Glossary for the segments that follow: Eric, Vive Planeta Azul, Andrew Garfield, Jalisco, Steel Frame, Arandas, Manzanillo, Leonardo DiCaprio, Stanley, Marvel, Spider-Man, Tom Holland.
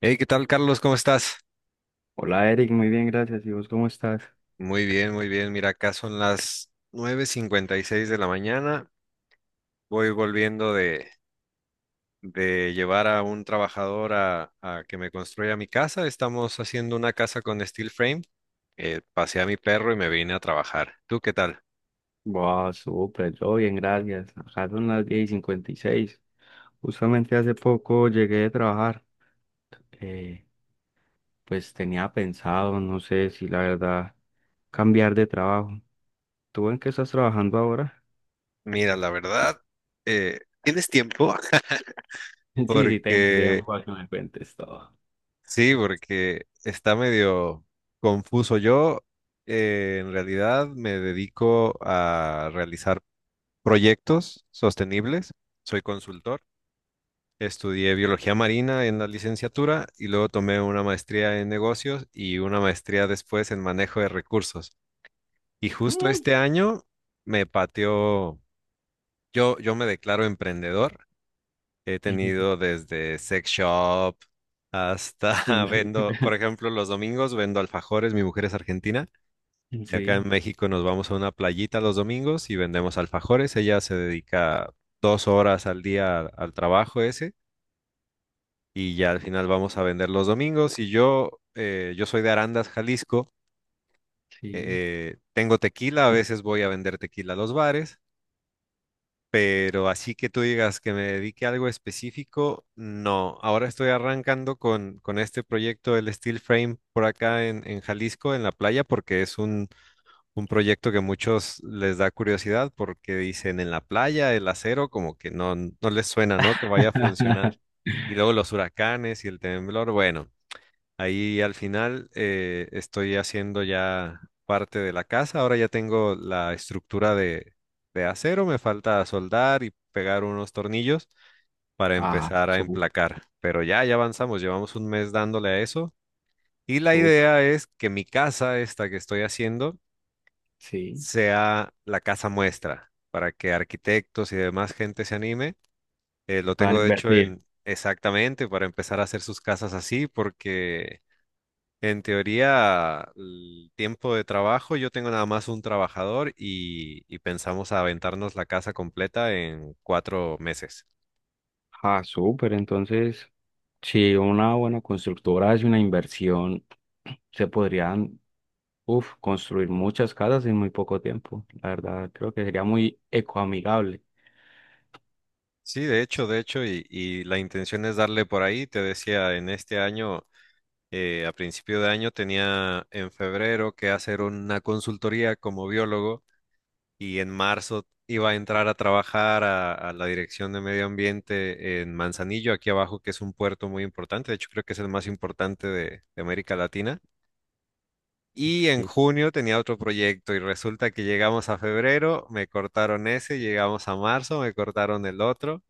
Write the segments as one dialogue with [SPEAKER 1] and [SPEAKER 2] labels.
[SPEAKER 1] Hey, ¿qué tal, Carlos? ¿Cómo estás?
[SPEAKER 2] Hola Eric, muy bien, gracias. ¿Y vos cómo estás?
[SPEAKER 1] Muy bien, muy bien. Mira, acá son las 9:56 de la mañana. Voy volviendo de llevar a un trabajador a que me construya mi casa. Estamos haciendo una casa con steel frame. Pasé a mi perro y me vine a trabajar. ¿Tú qué tal?
[SPEAKER 2] Wow, súper, yo bien, gracias. Acá son las 10 y cincuenta y seis. Justamente hace poco llegué de trabajar. Eh, pues tenía pensado, no sé si la verdad, cambiar de trabajo. ¿Tú en qué estás trabajando ahora?
[SPEAKER 1] Mira, la verdad, ¿tienes tiempo?
[SPEAKER 2] Sí, tengo
[SPEAKER 1] Porque
[SPEAKER 2] tiempo a que me cuentes todo.
[SPEAKER 1] sí, porque está medio confuso. Yo, en realidad, me dedico a realizar proyectos sostenibles. Soy consultor. Estudié biología marina en la licenciatura y luego tomé una maestría en negocios y una maestría después en manejo de recursos. Y justo este año me pateó, yo me declaro emprendedor. He tenido desde sex shop hasta vendo, por ejemplo, los domingos vendo alfajores, mi mujer es argentina. Y acá en
[SPEAKER 2] Sí,
[SPEAKER 1] México nos vamos a una playita los domingos y vendemos alfajores. Ella se dedica 2 horas al día al trabajo ese y ya al final vamos a vender los domingos. Y yo, yo soy de Arandas, Jalisco.
[SPEAKER 2] sí.
[SPEAKER 1] Tengo tequila, a veces voy a vender tequila a los bares, pero así que tú digas que me dedique a algo específico, no. Ahora estoy arrancando con este proyecto, el Steel Frame, por acá en Jalisco, en la playa, porque es un proyecto que muchos les da curiosidad porque dicen en la playa el acero como que no les suena, ¿no? Que vaya a funcionar. Y luego los huracanes y el temblor. Bueno, ahí al final estoy haciendo ya parte de la casa. Ahora ya tengo la estructura de acero. Me falta soldar y pegar unos tornillos para
[SPEAKER 2] Ah,
[SPEAKER 1] empezar a
[SPEAKER 2] súper,
[SPEAKER 1] emplacar. Pero ya avanzamos. Llevamos un mes dándole a eso. Y la
[SPEAKER 2] súper,
[SPEAKER 1] idea es que mi casa, esta que estoy haciendo,
[SPEAKER 2] sí.
[SPEAKER 1] sea la casa muestra para que arquitectos y demás gente se anime. Lo
[SPEAKER 2] Van a
[SPEAKER 1] tengo de hecho
[SPEAKER 2] invertir.
[SPEAKER 1] en exactamente para empezar a hacer sus casas así, porque en teoría el tiempo de trabajo yo tengo nada más un trabajador y pensamos aventarnos la casa completa en 4 meses.
[SPEAKER 2] Ah, súper, entonces. Si una buena constructora hace una inversión, se podrían, uf, construir muchas casas en muy poco tiempo. La verdad, creo que sería muy ecoamigable.
[SPEAKER 1] Sí, de hecho, y la intención es darle por ahí, te decía, en este año, a principio de año tenía en febrero que hacer una consultoría como biólogo y en marzo iba a entrar a trabajar a la Dirección de Medio Ambiente en Manzanillo, aquí abajo, que es un puerto muy importante, de hecho creo que es el más importante de América Latina. Y en
[SPEAKER 2] Sí.
[SPEAKER 1] junio tenía otro proyecto y resulta que llegamos a febrero, me cortaron ese, llegamos a marzo, me cortaron el otro,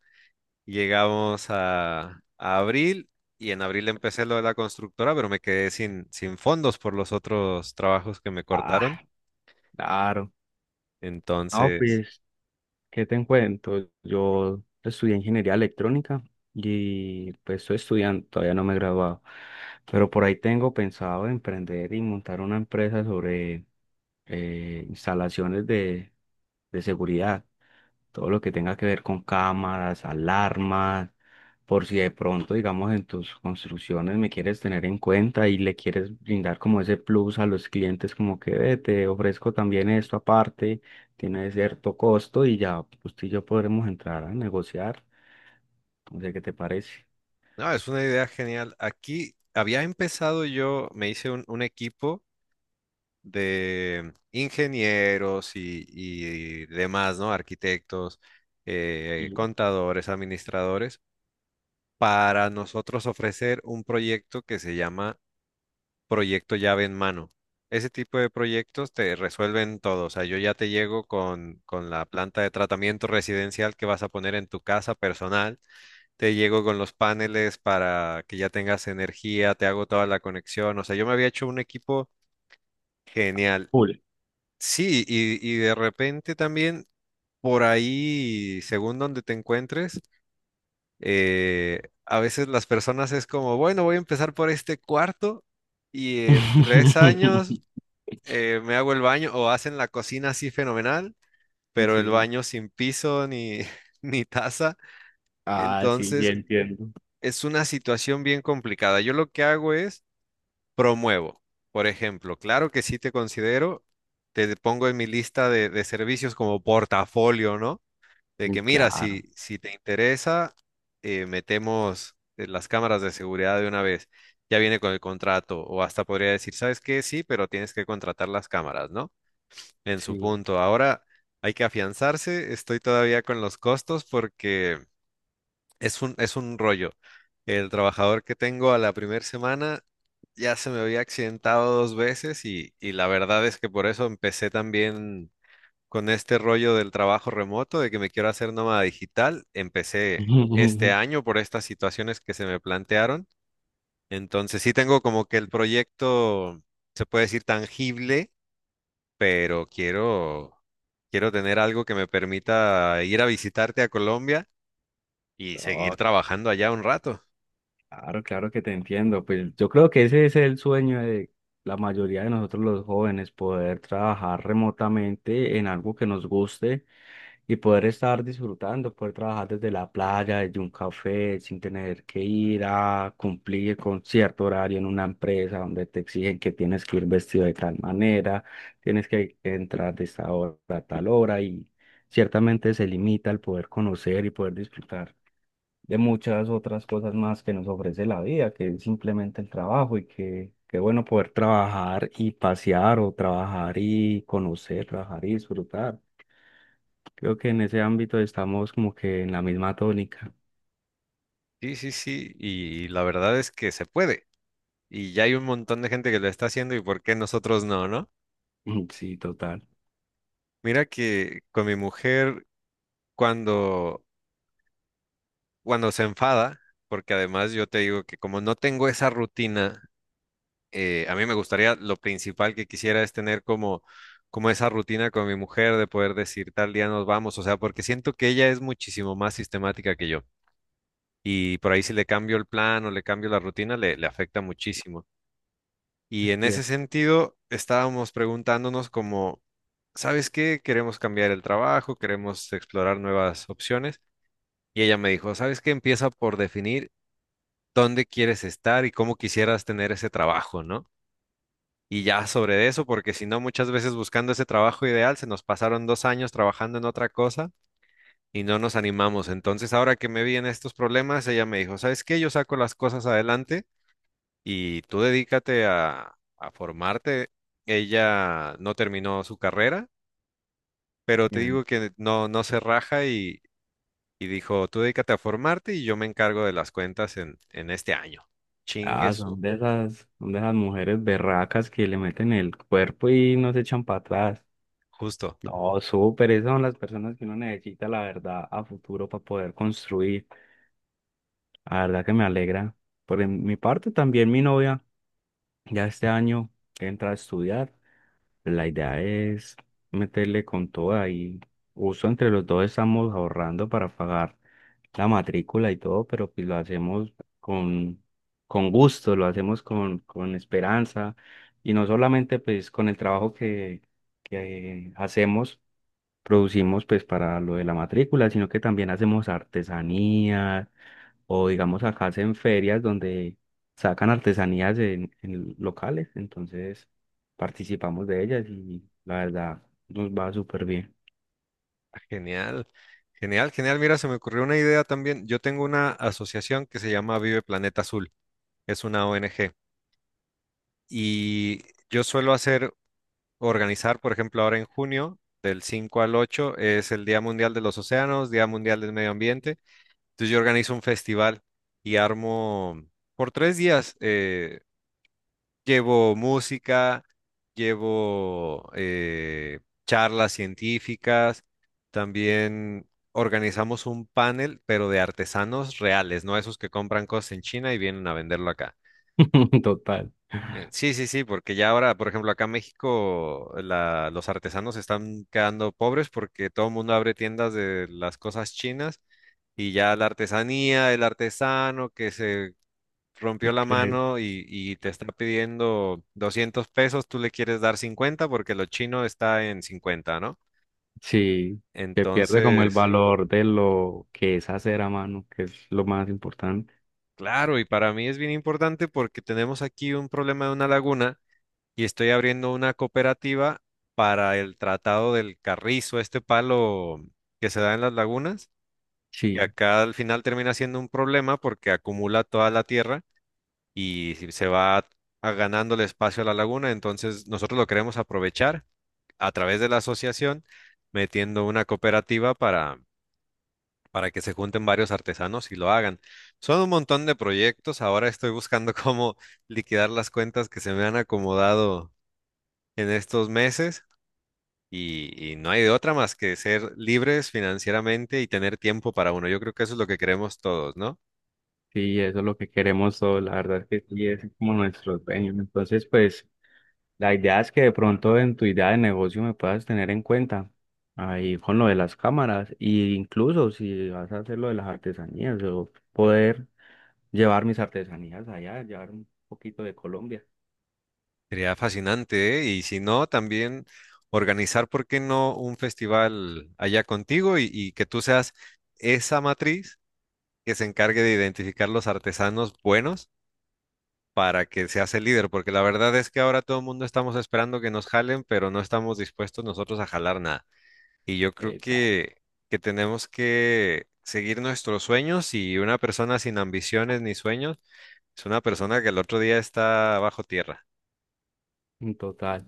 [SPEAKER 1] llegamos a abril y en abril empecé lo de la constructora, pero me quedé sin fondos por los otros trabajos que me cortaron.
[SPEAKER 2] Ah, claro. No,
[SPEAKER 1] Entonces...
[SPEAKER 2] pues. ¿Qué te cuento? Yo estudié ingeniería electrónica y pues estoy estudiando, todavía no me he graduado, pero por ahí tengo pensado emprender y montar una empresa sobre instalaciones de seguridad, todo lo que tenga que ver con cámaras, alarmas, por si de pronto, digamos, en tus construcciones me quieres tener en cuenta y le quieres brindar como ese plus a los clientes, como que "Ve, te ofrezco también esto aparte, tiene cierto costo y ya usted y yo podremos entrar a negociar". No sé qué te parece.
[SPEAKER 1] No, es una idea genial. Aquí había empezado yo, me hice un equipo de ingenieros y demás, ¿no? Arquitectos,
[SPEAKER 2] Y
[SPEAKER 1] contadores, administradores, para nosotros ofrecer un proyecto que se llama proyecto llave en mano. Ese tipo de proyectos te resuelven todo. O sea, yo ya te llego con la planta de tratamiento residencial que vas a poner en tu casa personal. Te llego con los paneles para que ya tengas energía, te hago toda la conexión. O sea, yo me había hecho un equipo genial.
[SPEAKER 2] full.
[SPEAKER 1] Sí, y de repente también por ahí, según donde te encuentres, a veces las personas es como, bueno, voy a empezar por este cuarto y en 3 años me hago el baño o hacen la cocina así fenomenal, pero el
[SPEAKER 2] Sí.
[SPEAKER 1] baño sin piso ni, ni taza.
[SPEAKER 2] Ah, sí, ya
[SPEAKER 1] Entonces,
[SPEAKER 2] entiendo.
[SPEAKER 1] es una situación bien complicada. Yo lo que hago es promuevo. Por ejemplo, claro que sí te considero, te pongo en mi lista de servicios como portafolio, ¿no? De que mira,
[SPEAKER 2] Claro,
[SPEAKER 1] si te interesa, metemos las cámaras de seguridad de una vez. Ya viene con el contrato, o hasta podría decir, ¿sabes qué? Sí, pero tienes que contratar las cámaras, ¿no? En su
[SPEAKER 2] sí.
[SPEAKER 1] punto. Ahora hay que afianzarse. Estoy todavía con los costos porque es un rollo. El trabajador que tengo a la primera semana ya se me había accidentado 2 veces y la verdad es que por eso empecé también con este rollo del trabajo remoto, de que me quiero hacer nómada digital. Empecé este año por estas situaciones que se me plantearon. Entonces sí tengo como que el proyecto, se puede decir, tangible pero quiero tener algo que me permita ir a visitarte a Colombia y seguir
[SPEAKER 2] No,
[SPEAKER 1] trabajando allá un rato.
[SPEAKER 2] claro, claro que te entiendo. Pues yo creo que ese es el sueño de la mayoría de nosotros los jóvenes, poder trabajar remotamente en algo que nos guste y poder estar disfrutando, poder trabajar desde la playa, desde un café, sin tener que ir a cumplir con cierto horario en una empresa donde te exigen que tienes que ir vestido de tal manera, tienes que entrar de esta hora a tal hora y ciertamente se limita el poder conocer y poder disfrutar de muchas otras cosas más que nos ofrece la vida, que es simplemente el trabajo y que... Qué bueno poder trabajar y pasear o trabajar y conocer, trabajar y disfrutar. Creo que en ese ámbito estamos como que en la misma tónica.
[SPEAKER 1] Sí, sí, sí, y la verdad es que se puede. Y ya hay un montón de gente que lo está haciendo y por qué nosotros no, ¿no?
[SPEAKER 2] Sí, total.
[SPEAKER 1] Mira que con mi mujer cuando, cuando se enfada, porque además yo te digo que como no tengo esa rutina, a mí me gustaría, lo principal que quisiera es tener como esa rutina con mi mujer de poder decir tal día nos vamos, o sea, porque siento que ella es muchísimo más sistemática que yo y por ahí si le cambio el plan o le cambio la rutina le afecta muchísimo. Y en ese
[SPEAKER 2] Bien,
[SPEAKER 1] sentido estábamos preguntándonos como, ¿sabes qué? Queremos cambiar el trabajo, queremos explorar nuevas opciones y ella me dijo, ¿sabes qué? Empieza por definir dónde quieres estar y cómo quisieras tener ese trabajo, ¿no? Y ya sobre eso, porque si no, muchas veces buscando ese trabajo ideal, se nos pasaron 2 años trabajando en otra cosa y no nos animamos. Entonces, ahora que me vi en estos problemas, ella me dijo, ¿sabes qué? Yo saco las cosas adelante y tú dedícate a formarte. Ella no terminó su carrera, pero te
[SPEAKER 2] bien.
[SPEAKER 1] digo que no, no se raja y dijo, tú dedícate a formarte y yo me encargo de las cuentas en este año. Chingue
[SPEAKER 2] Ah,
[SPEAKER 1] su,
[SPEAKER 2] son de esas mujeres berracas que le meten el cuerpo y no se echan para atrás.
[SPEAKER 1] justo.
[SPEAKER 2] No, súper, esas son las personas que uno necesita, la verdad, a futuro para poder construir. La verdad que me alegra. Mi parte, también mi novia ya este año entra a estudiar. La idea es meterle con toda y uso entre los dos estamos ahorrando para pagar la matrícula y todo, pero pues lo hacemos con, con gusto, lo hacemos con esperanza y no solamente pues con el trabajo que hacemos, producimos pues para lo de la matrícula, sino que también hacemos artesanías o digamos acá hacen ferias donde sacan artesanías en locales, entonces participamos de ellas y la verdad nos va súper bien.
[SPEAKER 1] Genial, genial, genial. Mira, se me ocurrió una idea también. Yo tengo una asociación que se llama Vive Planeta Azul. Es una ONG. Y yo suelo hacer, organizar, por ejemplo, ahora en junio, del 5 al 8 es el Día Mundial de los Océanos, Día Mundial del Medio Ambiente. Entonces yo organizo un festival y armo por 3 días. Llevo música, llevo charlas científicas, también organizamos un panel, pero de artesanos reales, no esos que compran cosas en China y vienen a venderlo acá.
[SPEAKER 2] Total.
[SPEAKER 1] Sí, sí, sí, porque ya ahora, por ejemplo, acá en México, los artesanos están quedando pobres porque todo el mundo abre tiendas de las cosas chinas y ya la artesanía, el artesano que se rompió la
[SPEAKER 2] Que-
[SPEAKER 1] mano y te está pidiendo 200 pesos, tú le quieres dar 50 porque lo chino está en 50, ¿no?
[SPEAKER 2] sí, que pierde como el
[SPEAKER 1] Entonces,
[SPEAKER 2] valor de lo que es hacer a mano, que es lo más importante.
[SPEAKER 1] claro, y para mí es bien importante porque tenemos aquí un problema de una laguna y estoy abriendo una cooperativa para el tratado del carrizo, este palo que se da en las lagunas, que
[SPEAKER 2] Sí,
[SPEAKER 1] acá al final termina siendo un problema porque acumula toda la tierra y se va ganando el espacio a la laguna, entonces nosotros lo queremos aprovechar a través de la asociación metiendo una cooperativa para que se junten varios artesanos y lo hagan. Son un montón de proyectos. Ahora estoy buscando cómo liquidar las cuentas que se me han acomodado en estos meses y no hay de otra más que ser libres financieramente y tener tiempo para uno. Yo creo que eso es lo que queremos todos, ¿no?
[SPEAKER 2] sí, eso es lo que queremos todos, la verdad es que sí, es como nuestro sueño. Entonces, pues... La idea es que de pronto en tu idea de negocio me puedas tener en cuenta ahí con lo de las cámaras e incluso si vas a hacer lo de las artesanías, o poder llevar mis artesanías allá, llevar un poquito de Colombia.
[SPEAKER 1] Sería fascinante, ¿eh? Y si no, también organizar, ¿por qué no un festival allá contigo? Y que tú seas esa matriz que se encargue de identificar los artesanos buenos para que seas el líder, porque la verdad es que ahora todo el mundo estamos esperando que nos jalen, pero no estamos dispuestos nosotros a jalar nada. Y yo creo
[SPEAKER 2] Exacto.
[SPEAKER 1] que tenemos que seguir nuestros sueños y una persona sin ambiciones ni sueños es una persona que el otro día está bajo tierra.
[SPEAKER 2] En total.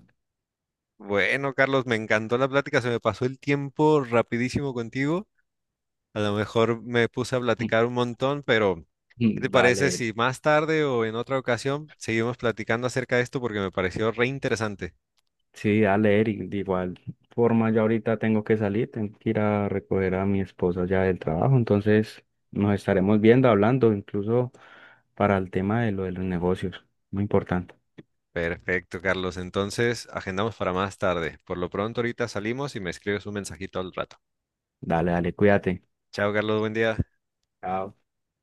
[SPEAKER 1] Bueno, Carlos, me encantó la plática, se me pasó el tiempo rapidísimo contigo. A lo mejor me puse a platicar un montón, pero ¿qué te parece
[SPEAKER 2] Dale.
[SPEAKER 1] si más tarde o en otra ocasión seguimos platicando acerca de esto porque me pareció re interesante?
[SPEAKER 2] Sí, dale, Eric. De igual forma, yo ahorita tengo que salir, tengo que ir a recoger a mi esposa ya del trabajo, entonces nos estaremos viendo, hablando, incluso para el tema de lo de los negocios. Muy importante.
[SPEAKER 1] Perfecto, Carlos. Entonces, agendamos para más tarde. Por lo pronto, ahorita salimos y me escribes un mensajito al rato.
[SPEAKER 2] Dale, dale, cuídate.
[SPEAKER 1] Chao, Carlos. Buen día.
[SPEAKER 2] Chao.